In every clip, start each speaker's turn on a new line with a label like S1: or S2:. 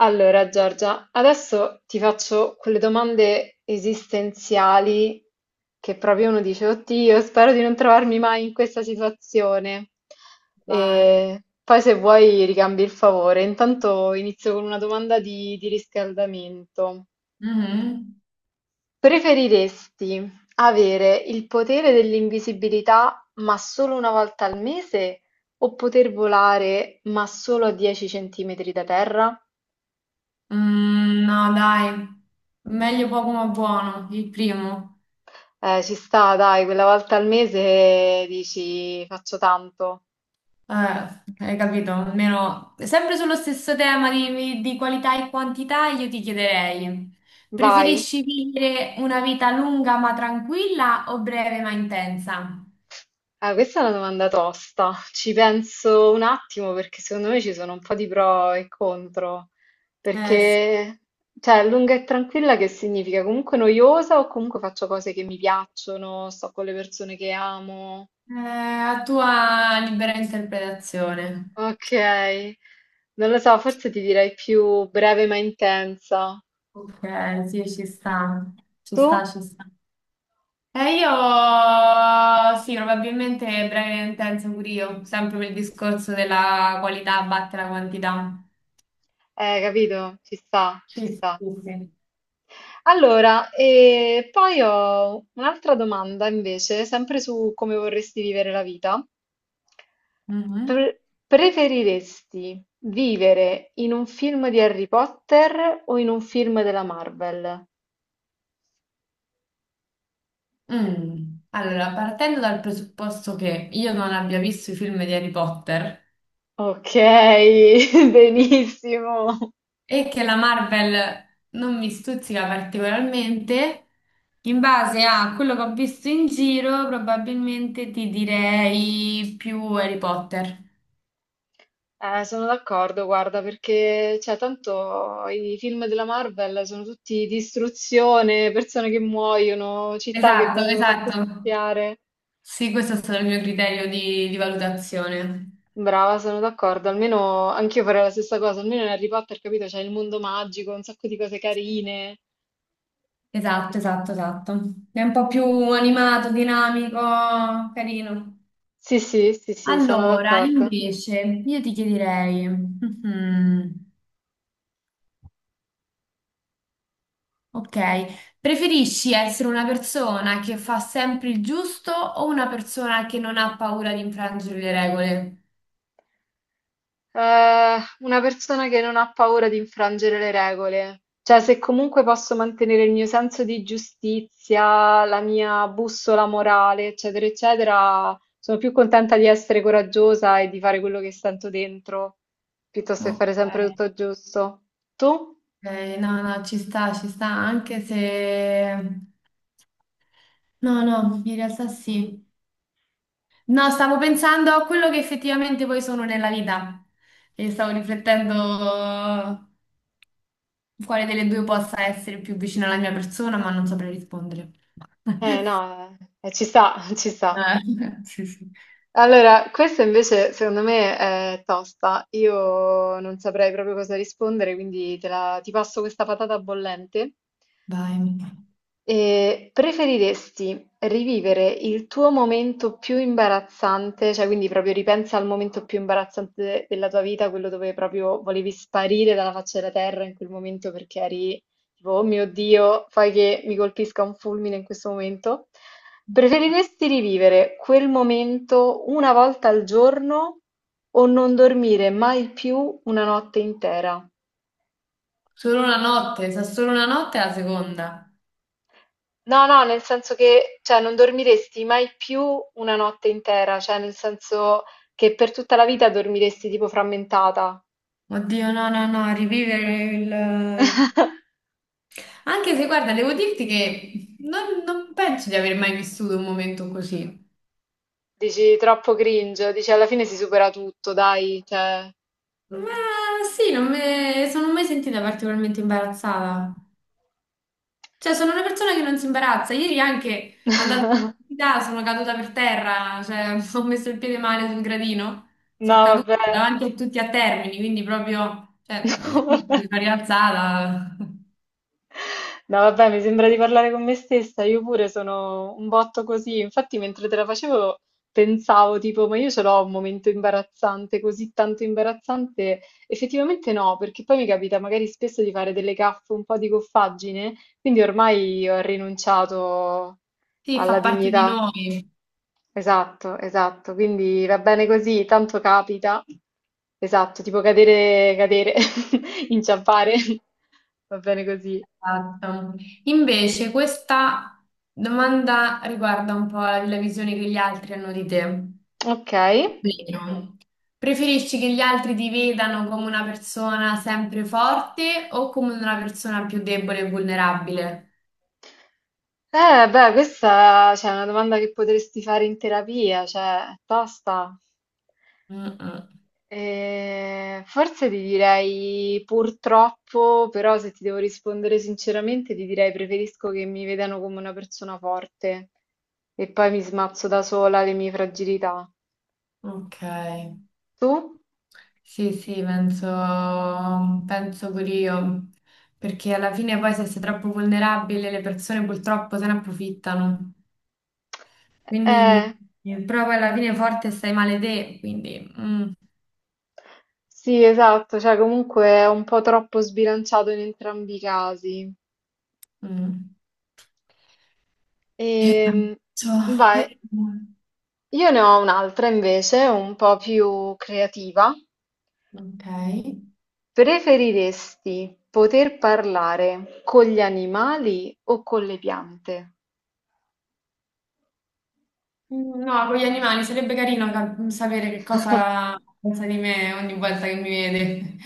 S1: Allora, Giorgia, adesso ti faccio quelle domande esistenziali che proprio uno dice, oddio, spero di non trovarmi mai in questa situazione.
S2: Vai.
S1: E poi se vuoi ricambi il favore. Intanto inizio con una domanda di riscaldamento.
S2: Mhm.
S1: Preferiresti avere il potere dell'invisibilità ma solo una volta al mese o poter volare ma solo a 10 centimetri da terra?
S2: No, dai, meglio poco ma buono, il primo.
S1: Ci sta, dai, quella volta al mese dici faccio tanto,
S2: Eh, hai capito? Almeno sempre sullo stesso tema di qualità e quantità, io ti chiederei,
S1: vai.
S2: preferisci vivere una vita lunga ma tranquilla o breve ma intensa?
S1: Ah, questa è una domanda tosta. Ci penso un attimo perché secondo me ci sono un po' di pro e contro.
S2: Sì.
S1: Perché, cioè, lunga e tranquilla che significa? Comunque noiosa o comunque faccio cose che mi piacciono, sto con le persone che amo.
S2: A tua libera interpretazione.
S1: Ok, non lo so, forse ti direi più breve ma intensa.
S2: Ok, sì, ci sta, ci
S1: Tu?
S2: sta, ci sta. E io sì, probabilmente breve e intenso pure io, sempre per il discorso della qualità batte la quantità.
S1: Capito? Ci sta,
S2: Sì,
S1: ci
S2: sì,
S1: sta.
S2: sì.
S1: Allora, e poi ho un'altra domanda invece, sempre su come vorresti vivere la vita.
S2: Mhm.
S1: Pre- Preferiresti vivere in un film di Harry Potter o in un film della Marvel?
S2: Mm. Allora, partendo dal presupposto che io non abbia visto i film di Harry Potter
S1: Ok, benissimo.
S2: e che la Marvel non mi stuzzica particolarmente, in base a quello che ho visto in giro, probabilmente ti direi più Harry Potter.
S1: Sono d'accordo, guarda, perché cioè, tanto i film della Marvel sono tutti distruzione, persone che muoiono, città che
S2: Esatto,
S1: vengono fatte
S2: esatto.
S1: spiare.
S2: Sì, questo è stato il mio criterio di valutazione.
S1: Brava, sono d'accordo. Almeno anch'io farei la stessa cosa. Almeno in Harry Potter, capito? C'è il mondo magico, un sacco di cose carine.
S2: Esatto, esatto, esatto. È un po' più animato, dinamico, carino.
S1: Sì, sì, sì, sì, sono
S2: Allora,
S1: d'accordo.
S2: invece, io ti chiederei, ok, preferisci essere una persona che fa sempre il giusto o una persona che non ha paura di infrangere le regole?
S1: Una persona che non ha paura di infrangere le regole. Cioè, se comunque posso mantenere il mio senso di giustizia, la mia bussola morale, eccetera, eccetera, sono più contenta di essere coraggiosa e di fare quello che sento dentro, piuttosto che fare
S2: Ok,
S1: sempre tutto giusto. Tu?
S2: ok, no, no, ci sta, anche se... No, no, in realtà sì. No, stavo pensando a quello che effettivamente poi sono nella vita e stavo riflettendo quale delle due possa essere più vicina alla mia persona, ma non saprei rispondere.
S1: Eh no, ci sta, ci sta.
S2: Sì, sì.
S1: Allora, questa invece secondo me è tosta. Io non saprei proprio cosa rispondere, quindi ti passo questa patata bollente
S2: Vai.
S1: e preferiresti rivivere il tuo momento più imbarazzante, cioè quindi proprio ripensa al momento più imbarazzante della tua vita, quello dove proprio volevi sparire dalla faccia della terra in quel momento perché eri tipo, oh mio Dio, fai che mi colpisca un fulmine in questo momento? Preferiresti rivivere quel momento una volta al giorno o non dormire mai più una notte intera?
S2: Solo una notte, sa solo una notte è la seconda.
S1: No, no, nel senso che, cioè, non dormiresti mai più una notte intera, cioè, nel senso che per tutta la vita dormiresti tipo frammentata.
S2: Oddio, no, no, no, rivivere il... Anche se, guarda, devo dirti che non penso di aver mai vissuto un momento così.
S1: Dici troppo cringe, dici alla fine si supera tutto, dai, cioè.
S2: Ma sì, non me- sono mai sentita particolarmente imbarazzata. Cioè, sono una persona che non si imbarazza. Ieri anche andando all'università sono caduta per terra, cioè ho messo il piede male sul gradino, sono
S1: No,
S2: caduta
S1: vabbè.
S2: davanti a tutti a Termini, quindi proprio, cioè,
S1: No,
S2: sì, mi
S1: vabbè.
S2: sono rialzata.
S1: No, vabbè, mi sembra di parlare con me stessa, io pure sono un botto così. Infatti, mentre te la facevo, pensavo tipo, ma io ce l'ho un momento imbarazzante, così tanto imbarazzante. Effettivamente no, perché poi mi capita magari spesso di fare delle gaffe, un po' di goffaggine, quindi ormai ho rinunciato
S2: Sì, fa
S1: alla
S2: parte di
S1: dignità.
S2: noi.
S1: Esatto, esatto, quindi va bene così, tanto capita. Esatto, tipo cadere, cadere, inciampare. Va bene così.
S2: Esatto. Invece, questa domanda riguarda un po' la la visione che gli altri hanno di te.
S1: Ok.
S2: Vero. Preferisci che gli altri ti vedano come una persona sempre forte o come una persona più debole e vulnerabile?
S1: Beh, questa cioè, è una domanda che potresti fare in terapia, cioè, è tosta.
S2: Mm-mm.
S1: Forse ti direi purtroppo, però se ti devo rispondere sinceramente, ti direi preferisco che mi vedano come una persona forte e poi mi smazzo da sola le mie fragilità.
S2: Ok.
S1: Tu?
S2: Sì, sì, penso pure io. Perché alla fine poi se sei troppo vulnerabile le persone purtroppo se ne approfittano.
S1: Eh,
S2: Quindi, però poi alla fine forte stai male te, quindi...
S1: sì, esatto, cioè comunque è un po' troppo sbilanciato in entrambi i casi.
S2: mm. E
S1: Ehm,
S2: penso-
S1: vai.
S2: eh,
S1: Io ne ho un'altra invece, un po' più creativa.
S2: Ok.
S1: Preferiresti poter parlare con gli animali o con le piante?
S2: No, con gli animali sarebbe carino sapere che cosa pensa di me ogni volta che mi vede.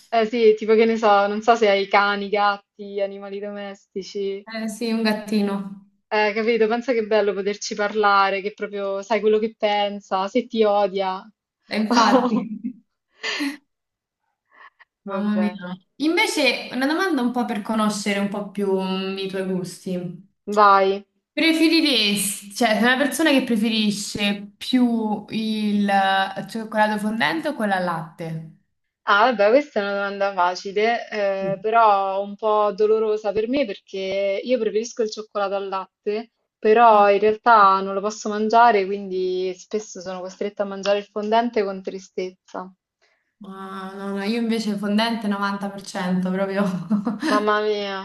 S1: Eh sì, tipo che ne so, non so se hai cani, gatti, animali domestici.
S2: Sì, un gattino.
S1: Capito? Pensa che è bello poterci parlare, che proprio sai quello che pensa, se ti odia.
S2: Infatti. Mamma mia.
S1: Vabbè,
S2: Invece, una domanda un po' per conoscere un po' più i tuoi gusti.
S1: vai.
S2: Preferiresti, cioè, sei una persona che preferisce più il cioccolato fondente o quella al latte?
S1: Ah, vabbè, questa è una domanda facile,
S2: Sì.
S1: però un po' dolorosa per me perché io preferisco il cioccolato al latte, però
S2: Ah,
S1: in realtà non lo posso mangiare, quindi spesso sono costretta a mangiare il fondente con tristezza.
S2: no, no, io invece fondente 90% proprio.
S1: Mamma mia,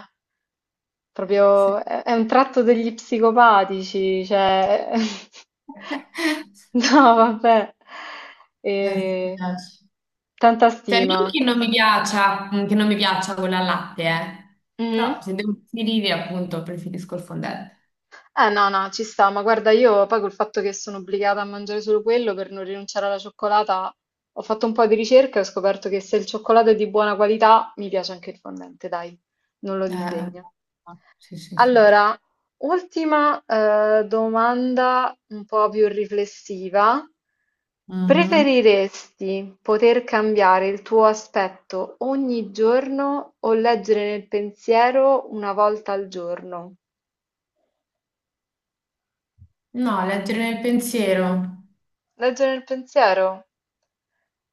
S2: Sì.
S1: proprio è un tratto degli psicopatici, cioè... No, vabbè.
S2: Sì, mi
S1: Eh,
S2: piace.
S1: tanta
S2: Cioè, non
S1: stima.
S2: che non mi piaccia, che non mi piaccia quella al latte, eh.
S1: Mhm.
S2: Però se devo preferire, appunto, preferisco il fondente.
S1: Eh no, no, ci sta, ma guarda, io poi col fatto che sono obbligata a mangiare solo quello per non rinunciare alla cioccolata, ho fatto un po' di ricerca e ho scoperto che se il cioccolato è di buona qualità, mi piace anche il fondente, dai, non lo
S2: Eh,
S1: disdegno.
S2: sì, sì, sì.
S1: Allora, ultima domanda un po' più riflessiva.
S2: Mhm.
S1: Preferiresti poter cambiare il tuo aspetto ogni giorno o leggere nel pensiero una volta al giorno?
S2: No, leggere nel pensiero.
S1: Leggere nel pensiero?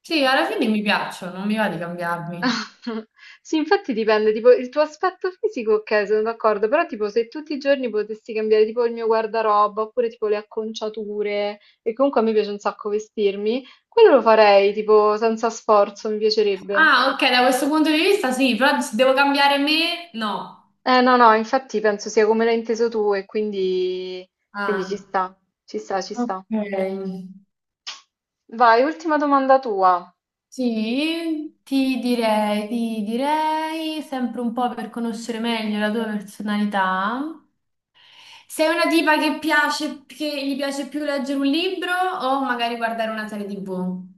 S2: Sì, alla fine mi piacciono, non mi va di cambiarmi.
S1: Sì, infatti dipende, tipo il tuo aspetto fisico, ok, sono d'accordo, però tipo se tutti i giorni potessi cambiare tipo il mio guardaroba oppure tipo le acconciature, e comunque a me piace un sacco vestirmi, quello lo farei tipo senza sforzo, mi piacerebbe.
S2: Ah, ok, da questo punto di vista sì, però se devo cambiare me, no.
S1: Eh no, no, infatti penso sia come l'hai inteso tu e quindi, quindi ci
S2: Ah,
S1: sta, ci sta, ci sta.
S2: ok.
S1: Vai, ultima domanda tua.
S2: Sì, ti direi sempre un po' per conoscere meglio la tua personalità. Sei una tipa che gli piace più leggere un libro o magari guardare una serie TV?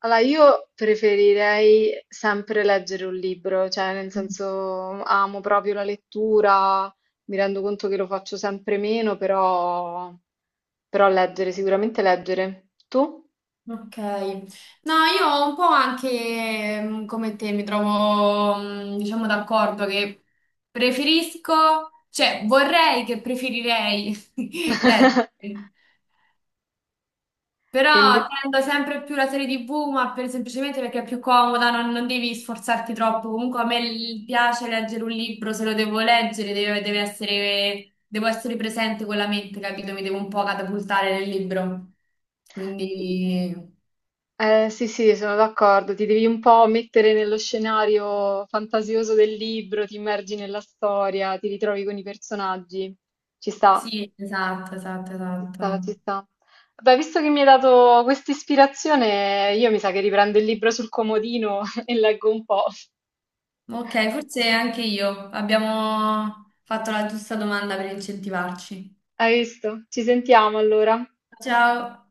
S1: Allora, io preferirei sempre leggere un libro, cioè nel
S2: Mm,
S1: senso amo proprio la lettura, mi rendo conto che lo faccio sempre meno, però, però leggere, sicuramente leggere. Tu?
S2: Ok, no, io un po' anche come te mi trovo, diciamo, d'accordo che preferisco, cioè vorrei che preferirei leggere. Però
S1: E inve-
S2: tendo sempre più la serie TV, ma semplicemente perché è più comoda, non devi sforzarti troppo. Comunque a me piace leggere un libro, se lo devo leggere, deve essere, devo essere presente con la mente, capito? Mi devo un po' catapultare nel libro. Quindi
S1: sì, sì, sono d'accordo, ti devi un po' mettere nello scenario fantasioso del libro, ti immergi nella storia, ti ritrovi con i personaggi, ci sta.
S2: sì, esatto, esatto,
S1: Ci sta, ci
S2: esatto.
S1: sta. Beh, visto che mi hai dato questa ispirazione, io mi sa che riprendo il libro sul comodino e leggo un po'.
S2: Ok, forse anche io abbiamo fatto la giusta domanda per incentivarci.
S1: Hai visto? Ci sentiamo allora.
S2: Ciao.